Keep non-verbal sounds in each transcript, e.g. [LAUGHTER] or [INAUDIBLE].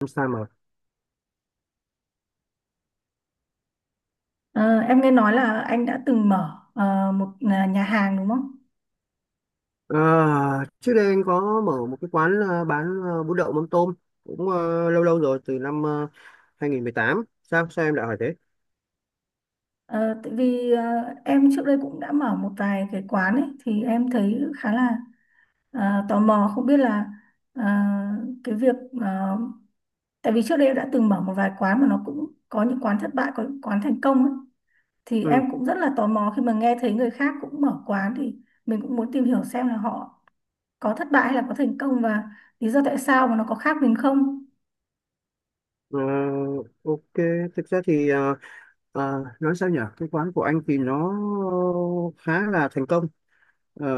Không sao mà Ờ, em nghe nói là anh đã từng mở một nhà hàng đúng không? Ờ, Trước đây anh có mở một cái quán bán bún đậu mắm tôm cũng lâu lâu rồi, từ năm 2018. Sao sao em lại hỏi thế? Ờ, tại vì em trước đây cũng đã mở một vài cái quán ấy thì em thấy khá là tò mò không biết là ờ, cái việc ờ, tại vì trước đây em đã từng mở một vài quán mà nó cũng có những quán thất bại, có những quán thành công ấy thì Ừ. em cũng rất là tò mò khi mà nghe thấy người khác cũng mở quán thì mình cũng muốn tìm hiểu xem là họ có thất bại hay là có thành công và lý do tại sao mà nó có khác mình không. ờ, ok, thực ra thì nói sao nhở, cái quán của anh thì nó khá là thành công. Ờ,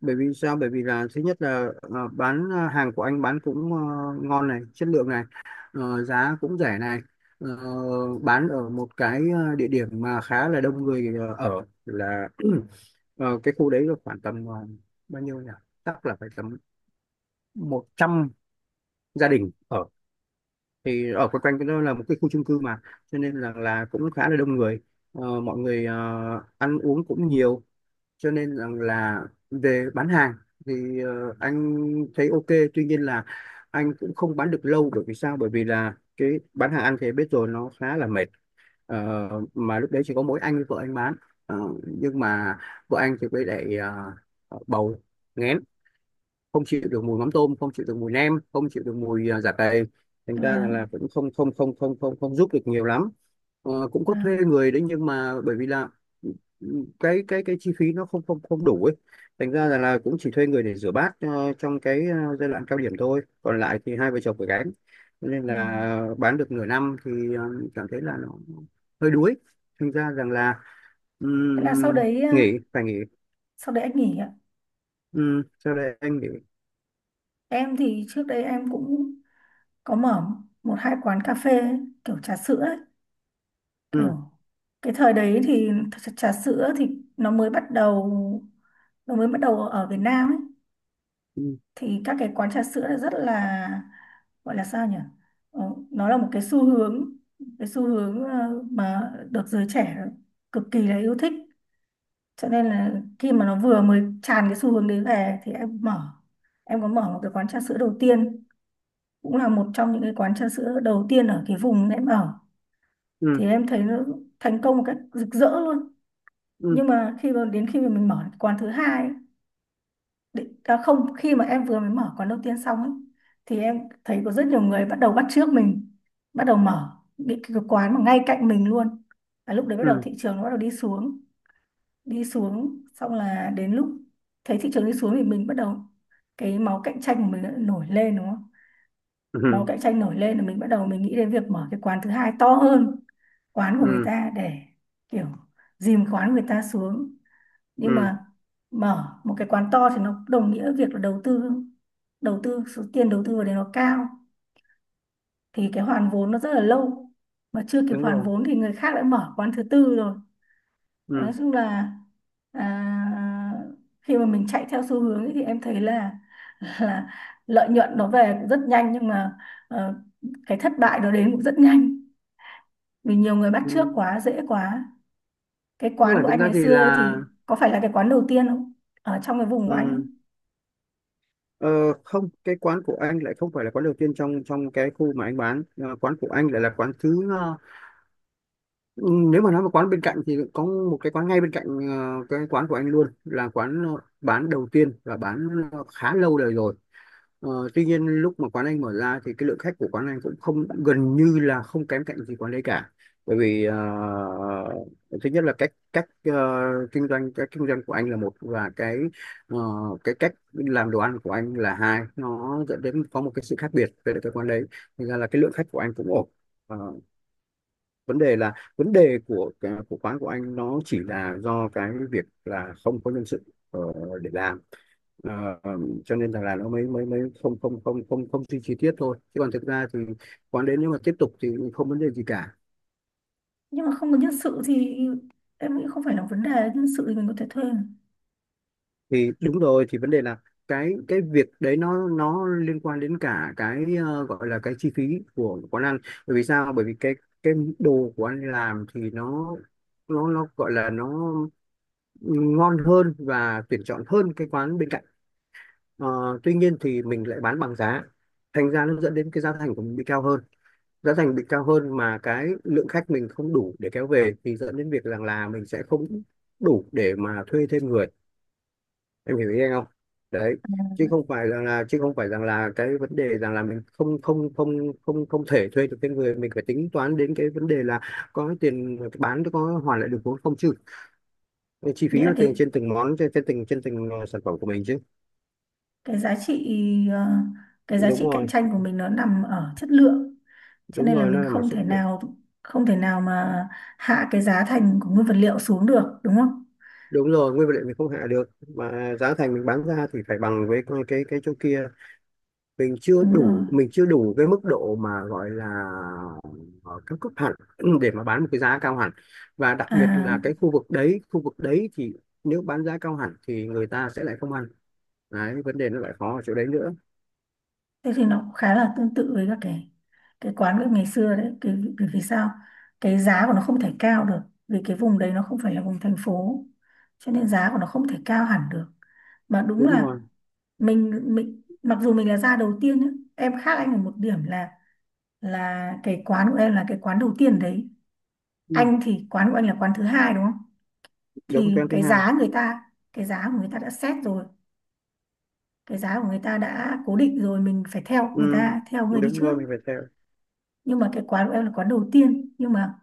bởi vì sao? Bởi vì là thứ nhất là bán, hàng của anh bán cũng ngon này, chất lượng này, giá cũng rẻ này, Ờ, bán ở một cái địa điểm mà khá là đông người, ở là [CLEARS THROAT] cái khu đấy là khoảng tầm bao nhiêu nhỉ? Chắc là phải tầm 100 gia đình ở, thì ở quanh quanh cái đó là một cái khu chung cư mà, cho nên là cũng khá là đông người. Ờ, mọi người ăn uống cũng nhiều, cho nên rằng là về bán hàng thì anh thấy ok. Tuy nhiên là anh cũng không bán được lâu, bởi vì sao? Bởi vì là cái bán hàng anh thì biết rồi, nó khá là mệt. Ờ, mà lúc đấy chỉ có mỗi anh với vợ anh bán. Ờ, nhưng mà vợ anh thì mới lại bầu nghén, không chịu được mùi mắm tôm, không chịu được mùi nem, không chịu được mùi giả cày, thành ra là, Và, là cũng không không không không không không giúp được nhiều lắm. Ờ, cũng có thuê người đấy, nhưng mà bởi vì là ừ, cái cái chi phí nó không không không đủ ấy, thành ra là cũng chỉ thuê người để rửa bát trong cái giai đoạn cao điểm thôi, còn lại thì hai vợ chồng phải gánh. Cho nên và, là bán được nửa năm thì cảm thấy là nó hơi đuối, thành ra rằng là Thế là sau ừm, đấy ờ, nghỉ, phải nghỉ. sau đấy anh nghỉ ạ. Sau đây anh nghỉ. Em thì trước đấy em cũng có mở một hai quán cà phê ấy, kiểu trà sữa ấy, Ừm, kiểu cái thời đấy thì trà trà sữa thì nó mới bắt đầu nó mới bắt đầu ở Việt Nam ấy ừm, thì các cái quán trà sữa là rất là, gọi là sao nhỉ? Ờ, nó là một cái xu hướng mà được giới trẻ cực kỳ là yêu thích cho nên là khi mà nó vừa mới tràn cái xu hướng đấy về thì em mở em có mở một cái quán trà sữa đầu tiên, cũng là một trong những cái quán trà sữa đầu tiên ở cái vùng em ở thì ừm, em thấy nó thành công một cách rực rỡ luôn. ừm. Nhưng mà khi mà mình mở cái quán thứ hai ấy, định- à không khi mà em vừa mới mở quán đầu tiên xong ấy, thì em thấy có rất nhiều người bắt đầu bắt chước mình, bắt đầu mở những cái quán mà ngay cạnh mình luôn, và lúc đấy bắt đầu Ừ, thị trường nó bắt đầu đi xuống. Đi xuống xong là đến lúc thấy thị trường đi xuống thì mình bắt đầu, cái máu cạnh tranh của mình đã nổi lên đúng không? Máu ừ, cạnh tranh nổi lên là mình bắt đầu mình nghĩ đến việc mở cái quán thứ hai to hơn quán của người ừ, ta để kiểu dìm quán của người ta xuống. Nhưng ừ, mà mở một cái quán to thì nó đồng nghĩa việc là đầu tư, số tiền đầu tư vào đấy nó cao thì cái hoàn vốn nó rất là lâu mà chưa kịp đúng hoàn rồi, vốn thì người khác đã mở quán thứ tư rồi. Nói ừ, chung là à, khi mà mình chạy theo xu hướng ấy, thì em thấy là [LAUGHS] là lợi nhuận nó về cũng rất nhanh nhưng mà ờ, cái thất bại nó đến cũng rất nhanh, vì nhiều người bắt ừ. chước quá, dễ quá. Cái Không quán phải, của thực anh ra ngày thì xưa ấy là thì có phải là cái quán đầu tiên không, ở trong cái vùng của anh ấy? ừ. ờ, Không, cái quán của anh lại không phải là quán đầu tiên trong trong cái khu mà anh bán. Ờ, quán của anh lại là quán thứ ừ, nếu mà nói một quán bên cạnh thì có một cái quán ngay bên cạnh cái quán của anh luôn, là quán bán đầu tiên và bán khá lâu đời rồi. Ờ, tuy nhiên lúc mà quán anh mở ra thì cái lượng khách của quán anh cũng không, gần như là không kém cạnh gì quán đấy cả, bởi vì thứ nhất là cách cách kinh doanh, cái kinh doanh của anh là một, và cái ờ, cái cách làm đồ ăn của anh là hai, nó dẫn đến có một cái sự khác biệt về cái quán đấy. Thành ra là cái lượng khách của anh cũng ổn. Ờ, vấn đề là vấn đề của quán của anh nó chỉ là do cái việc là không có nhân sự ờ, để làm. Ờ, cho nên là nó mới mới mới không không không không không suy chi tiết thôi, chứ còn thực ra thì quán đến nếu mà tiếp tục thì không vấn đề gì cả. Nhưng mà không có nhân sự thì em nghĩ không phải là vấn đề, nhân sự thì mình có thể thuê mà. Thì đúng rồi, thì vấn đề là cái việc đấy nó liên quan đến cả cái gọi là cái chi phí của quán ăn. Bởi vì sao? Bởi vì cái cái đồ của anh làm thì nó gọi là nó ngon hơn và tuyển chọn hơn cái quán bên cạnh. Ờ, tuy nhiên thì mình lại bán bằng giá, thành ra nó dẫn đến cái giá thành của mình bị cao hơn. Giá thành bị cao hơn mà cái lượng khách mình không đủ để kéo về thì dẫn đến việc rằng là mình sẽ không đủ để mà thuê thêm người, em hiểu ý anh không? Đấy, chứ không phải rằng là cái vấn đề rằng là mình không không không không không thể thuê được thêm người, mình phải tính toán đến cái vấn đề là có tiền bán, có hoàn lại được vốn không chứ, cái chi Nghĩa phí là và từng trên từng món trên trên từng sản phẩm của mình chứ. cái giá trị ờ, cái giá Đúng trị cạnh rồi, tranh của mình nó nằm ở chất lượng, cho đúng nên là rồi, nó mình là mặt không sức thể lượng. nào không thể nào mà hạ cái giá thành của nguyên vật liệu xuống được đúng không? Đúng rồi, nguyên vật liệu mình không hạ được, mà giá thành mình bán ra thì phải bằng với cái cái chỗ kia. Đúng rồi. Mình chưa đủ cái mức độ mà gọi là ờ, cao cấp hẳn [CLEARS THROAT] để mà bán một cái giá cao hẳn. Và đặc biệt là cái À, khu vực đấy, khu vực đấy thì nếu bán giá cao hẳn thì người ta sẽ lại không ăn. Đấy, vấn đề nó lại khó ở chỗ đấy nữa. thế thì nó cũng khá là tương tự với các cái quán bếp ngày xưa đấy, cái bởi vì sao? Cái giá của nó không thể cao được vì cái vùng đấy nó không phải là vùng thành phố cho nên giá của nó không thể cao hẳn được, mà đúng Đúng là rồi. mình mặc dù mình là gia đầu tiên nhá, em khác anh ở một điểm là cái quán của em là cái quán đầu tiên đấy. Ừ, Anh thì quán của anh là quán thứ hai đúng không? đúng, Thì cái thứ cái hai. giá người ta cái giá của người ta đã set rồi, cái giá của người ta đã cố định rồi, mình phải theo người Ừ, ta, theo người đi đúng trước. rồi, mình phải theo. Nhưng mà cái quán của em là quán đầu tiên, nhưng mà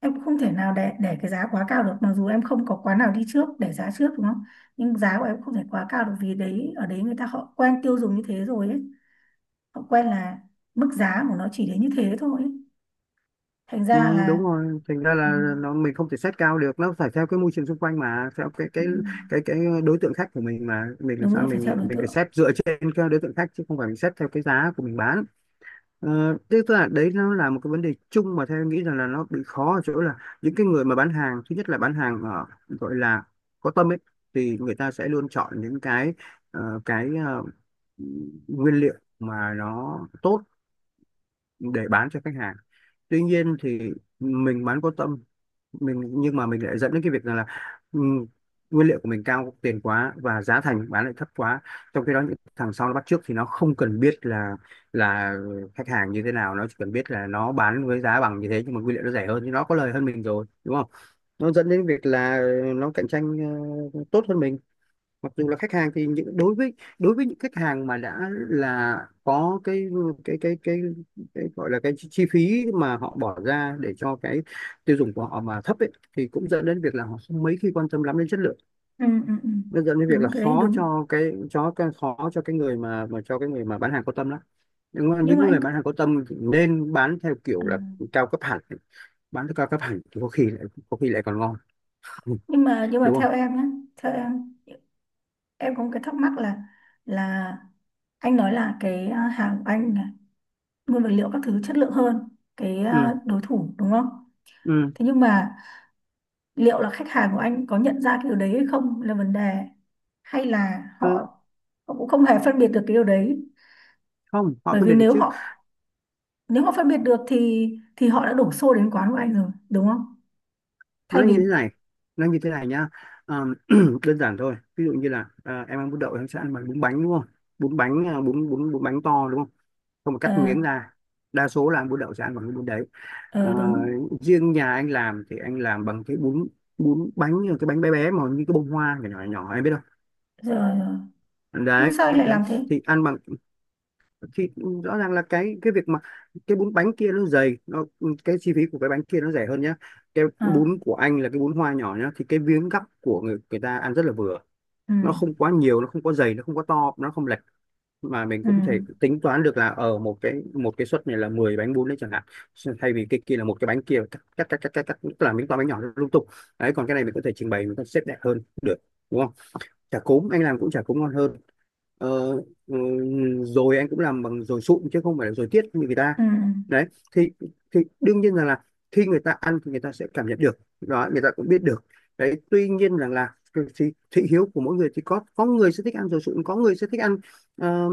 em cũng không thể nào để cái giá quá cao được, mặc dù em không có quán nào đi trước để giá trước đúng không? Nhưng giá của em không thể quá cao được vì đấy ở đấy người ta họ quen tiêu dùng như thế rồi ấy, họ quen là mức giá của nó chỉ đến như thế thôi ấy. Thành ra Ừ, là. đúng rồi, thành ra Ừ, là nó mình không thể xét cao được, nó phải theo cái môi trường xung quanh, mà theo cái ừ. cái cái cái đối tượng khách của mình, mà mình làm Đúng sao, rồi, phải mình theo đối mình phải tượng. xét dựa trên cái đối tượng khách chứ không phải mình xét theo cái giá của mình bán. Ờ, thế tức là đấy, nó là một cái vấn đề chung mà theo em nghĩ rằng là nó bị khó ở chỗ là những cái người mà bán hàng, thứ nhất là bán hàng ở gọi là có tâm ấy, thì người ta sẽ luôn chọn những cái cái nguyên liệu mà nó tốt để bán cho khách hàng. Tuy nhiên thì mình bán có tâm mình, nhưng mà mình lại dẫn đến cái việc rằng là ừm, nguyên liệu của mình cao tiền quá và giá thành bán lại thấp quá, trong khi đó những thằng sau nó bắt chước thì nó không cần biết là là khách hàng như thế nào, nó chỉ cần biết là nó bán với giá bằng như thế nhưng mà nguyên liệu nó rẻ hơn thì nó có lời hơn mình rồi đúng không. Nó dẫn đến việc là nó cạnh tranh tốt hơn mình, mặc dù là khách hàng thì những đối với, đối với những khách hàng mà đã là có cái cái cái cái, cái gọi là cái chi chi phí mà họ bỏ ra để cho cái tiêu dùng của họ mà thấp ấy, thì cũng dẫn đến việc là họ không mấy khi quan tâm lắm đến chất lượng. Ừ, ừ, ừ. Nó dẫn đến việc là Đúng, cái đấy khó đúng. cho cái, cho cái, khó cho cái người mà cho cái người mà bán hàng có tâm lắm. Nhưng mà Nhưng những mà anh. người bán hàng có tâm thì nên bán theo kiểu À. là cao cấp hẳn. Bán theo cao cấp hẳn thì có khi lại còn ngon. Ừ, nhưng mà đúng không? theo em, em có một cái thắc mắc là là anh nói là cái hàng của anh là nguyên vật liệu các thứ chất lượng hơn cái Ừ, đối thủ đúng không? ừ. Thế nhưng mà liệu là khách hàng của anh có nhận ra cái điều đấy hay không là vấn đề, hay là họ, Ờ, họ cũng không hề phân biệt được cái điều đấy? không, họ Bởi phân vì biệt được nếu chứ. họ nếu họ phân biệt được thì họ đã đổ xô đến quán của anh rồi đúng không, thay nó như vì. thế này nó như thế này nhá. Ờ, [CLEARS THROAT] đơn giản thôi, ví dụ như là em ăn bún đậu em sẽ ăn bằng bún bánh đúng không? Bún bánh bún bún bún bánh to đúng không, không mà ờ cắt miếng ra, đa số là ăn bún đậu sẽ ăn bằng cái bún đấy. Ờ, ờ, Đúng riêng nhà anh làm thì anh làm bằng cái bún, bún bánh, như là cái bánh bé bé mà như cái bông hoa nhỏ nhỏ nhỏ, em biết rồi, rồi. không. Nhưng Đấy sao anh lại đấy, làm thế? thì ăn bằng, thì rõ ràng là cái việc mà cái bún bánh kia nó dày, nó, cái chi phí của cái bánh kia nó rẻ hơn nhá. Cái À, bún của anh là cái bún hoa nhỏ nhá, thì cái miếng gắp của người, người ta ăn rất là vừa, ừ, nó không quá nhiều, nó không quá dày, nó không quá to, nó không lệch. Mà mình ừ, cũng thể tính toán được là ở một cái suất này là 10 bánh bún đấy chẳng hạn, thay vì cái kia là một cái bánh kia cắt cắt, tức là miếng to bánh nhỏ lung tung. Đấy, còn cái này mình có thể trình bày, mình có thể xếp đẹp hơn được, đúng không? Chả cốm anh làm cũng, chả cốm ngon hơn. ờ, ừ, Rồi anh cũng làm bằng dồi sụn chứ không phải là dồi tiết như người ta. ừ, ừ. Đấy, thì thì đương nhiên rằng là khi người ta ăn thì người ta sẽ cảm nhận được đó, người ta cũng biết được. Đấy, tuy nhiên rằng là cái thị hiếu của mỗi người thì có người sẽ thích ăn dồi sụn, có người sẽ thích ăn ờ,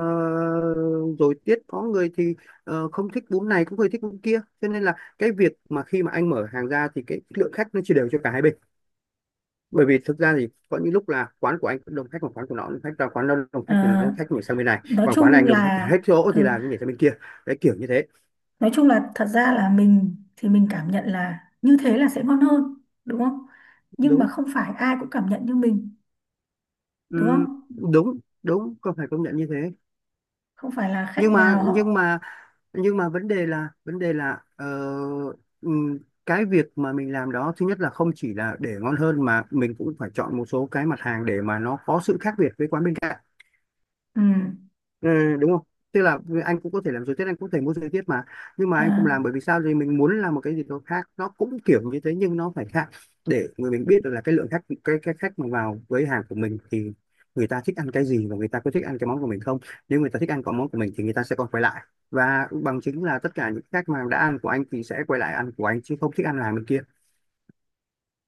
ờ, dồi tiết, có người thì không thích bún này, có người thích bún kia, cho nên là cái việc mà khi mà anh mở hàng ra thì cái lượng khách nó chia đều cho cả hai bên. Bởi vì thực ra thì có những lúc là quán của anh cũng đông khách, còn quán của nó đông khách, và quán nó đông khách thì nó À, khách nhảy sang bên này, nói còn quán này chung anh đông khách là hết chỗ thì ừ, là nó nhảy sang bên kia. Đấy, kiểu như thế. nói chung là thật ra là mình thì mình cảm nhận là như thế là sẽ ngon hơn đúng không? Nhưng mà Đúng. không phải ai cũng cảm nhận như mình đúng không? đúng, đúng, có phải công nhận như thế. Không phải là nhưng khách mà nào nhưng họ. mà nhưng mà vấn đề là ừm, cái việc mà mình làm đó, thứ nhất là không chỉ là để ngon hơn, mà mình cũng phải chọn một số cái mặt hàng để mà nó có sự khác biệt với quán bên cạnh. Ừ, Ừ, đúng không? Tức là anh cũng có thể làm dối tiết, anh cũng có thể mua dối tiết mà. Nhưng mà anh không à, làm bởi vì sao? Thì mình muốn làm một cái gì đó khác, nó cũng kiểu như thế nhưng nó phải khác, để người mình biết được là cái lượng khách, cái khách mà vào với hàng của mình thì người ta thích ăn cái gì, và người ta có thích ăn cái món của mình không. Nếu người ta thích ăn cái món của mình thì người ta sẽ còn quay lại. Và bằng chứng là tất cả những khách mà đã ăn của anh thì sẽ quay lại ăn của anh chứ không thích ăn hàng bên kia.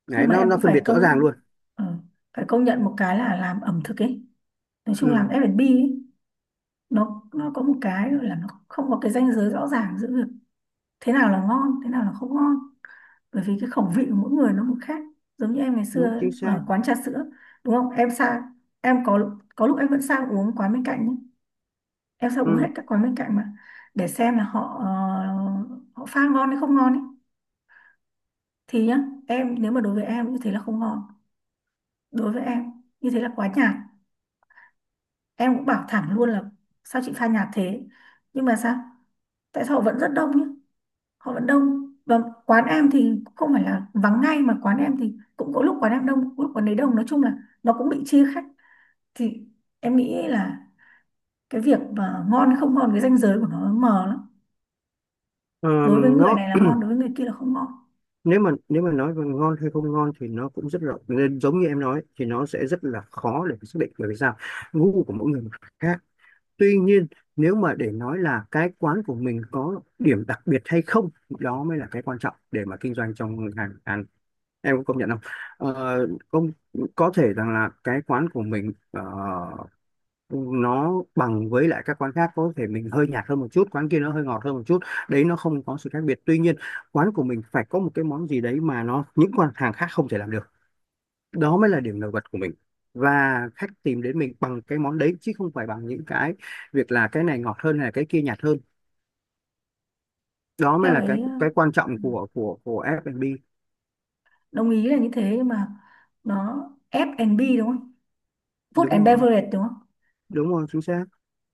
Đấy, nhưng mà em nó cũng phân biệt rõ ràng luôn. ờ, phải công nhận một cái là làm ẩm thực ấy, nói chung làm Ừ, F&B ấy, nó có một cái là nó không có cái ranh giới rõ ràng giữa việc thế nào là ngon, thế nào là không ngon, bởi vì cái khẩu vị của mỗi người nó một khác. Giống như em ngày đúng xưa chính xác. ở quán trà sữa đúng không, em sang em có lúc em vẫn sang uống quán bên cạnh nhé. Em sang uống hết Ừ. các quán bên cạnh mà để xem là họ họ pha ngon hay không ngon ấy, thì nhá, em, nếu mà đối với em như thế là không ngon, đối với em như thế là quá nhạt, em cũng bảo thẳng luôn là sao chị pha nhạt thế. Nhưng mà sao, tại sao họ vẫn rất đông nhé, họ vẫn đông, và quán em thì không phải là vắng ngay, mà quán em thì cũng có lúc quán em đông, lúc quán đấy đông, nói chung là nó cũng bị chia khách, thì em nghĩ là cái việc mà ngon hay không ngon, cái ranh giới của nó mờ lắm, Ờ, đối với người nó này là ngon, đối với người kia là không ngon. nếu mà, nếu mà nói về ngon hay không ngon thì nó cũng rất rộng, nên giống như em nói thì nó sẽ rất là khó để xác định, bởi vì sao, gu của mỗi người khác. Tuy nhiên, nếu mà để nói là cái quán của mình có điểm đặc biệt hay không, đó mới là cái quan trọng để mà kinh doanh trong ngành ăn, em có công nhận không? Công, có thể rằng là cái quán của mình nó bằng với lại các quán khác, có thể mình hơi nhạt hơn một chút, quán kia nó hơi ngọt hơn một chút, đấy, nó không có sự khác biệt. Tuy nhiên, quán của mình phải có một cái món gì đấy mà nó, những quán hàng khác không thể làm được, đó mới là điểm nổi bật của mình. Và khách tìm đến mình bằng cái món đấy, chứ không phải bằng những cái việc là cái này ngọt hơn hay là cái kia nhạt hơn. Đó mới Theo là cái. cái quan trọng ừ, của của F&B. Đồng ý là như thế, nhưng mà nó ép and F&B đúng không, food Đúng and rồi, beverage đúng không? đúng rồi, chính xác.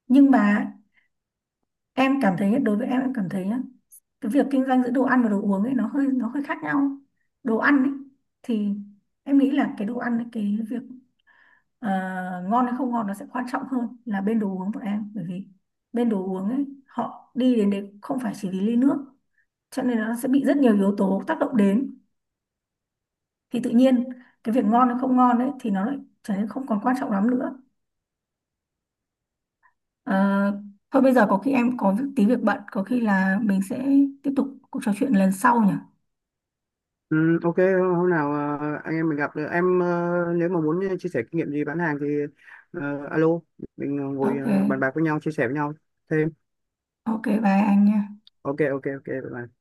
Nhưng mà em cảm thấy, đối với em cảm thấy nhá, cái việc kinh doanh giữa đồ ăn và đồ uống ấy nó hơi, khác nhau. Đồ ăn ấy thì em nghĩ là cái đồ ăn ấy, cái việc ờ, ngon hay không ngon nó sẽ quan trọng hơn là bên đồ uống bọn em, bởi vì bên đồ uống ấy họ đi đến đấy không phải chỉ vì ly nước, cho nên nó sẽ bị rất nhiều yếu tố tác động đến, thì tự nhiên cái việc ngon hay không ngon ấy thì nó lại trở nên không còn quan trọng lắm nữa. Ờ, thôi bây giờ có khi em có tí việc bận, có khi là mình sẽ tiếp tục cuộc trò chuyện lần sau nhỉ. Ừ, ok, hôm nào anh em mình gặp được, em nếu mà muốn chia sẻ kinh nghiệm gì bán hàng thì alo, mình ngồi OK, bàn bạc với nhau, chia sẻ với nhau thêm. ok bye anh nha. Ok, ok, ok, bye bye.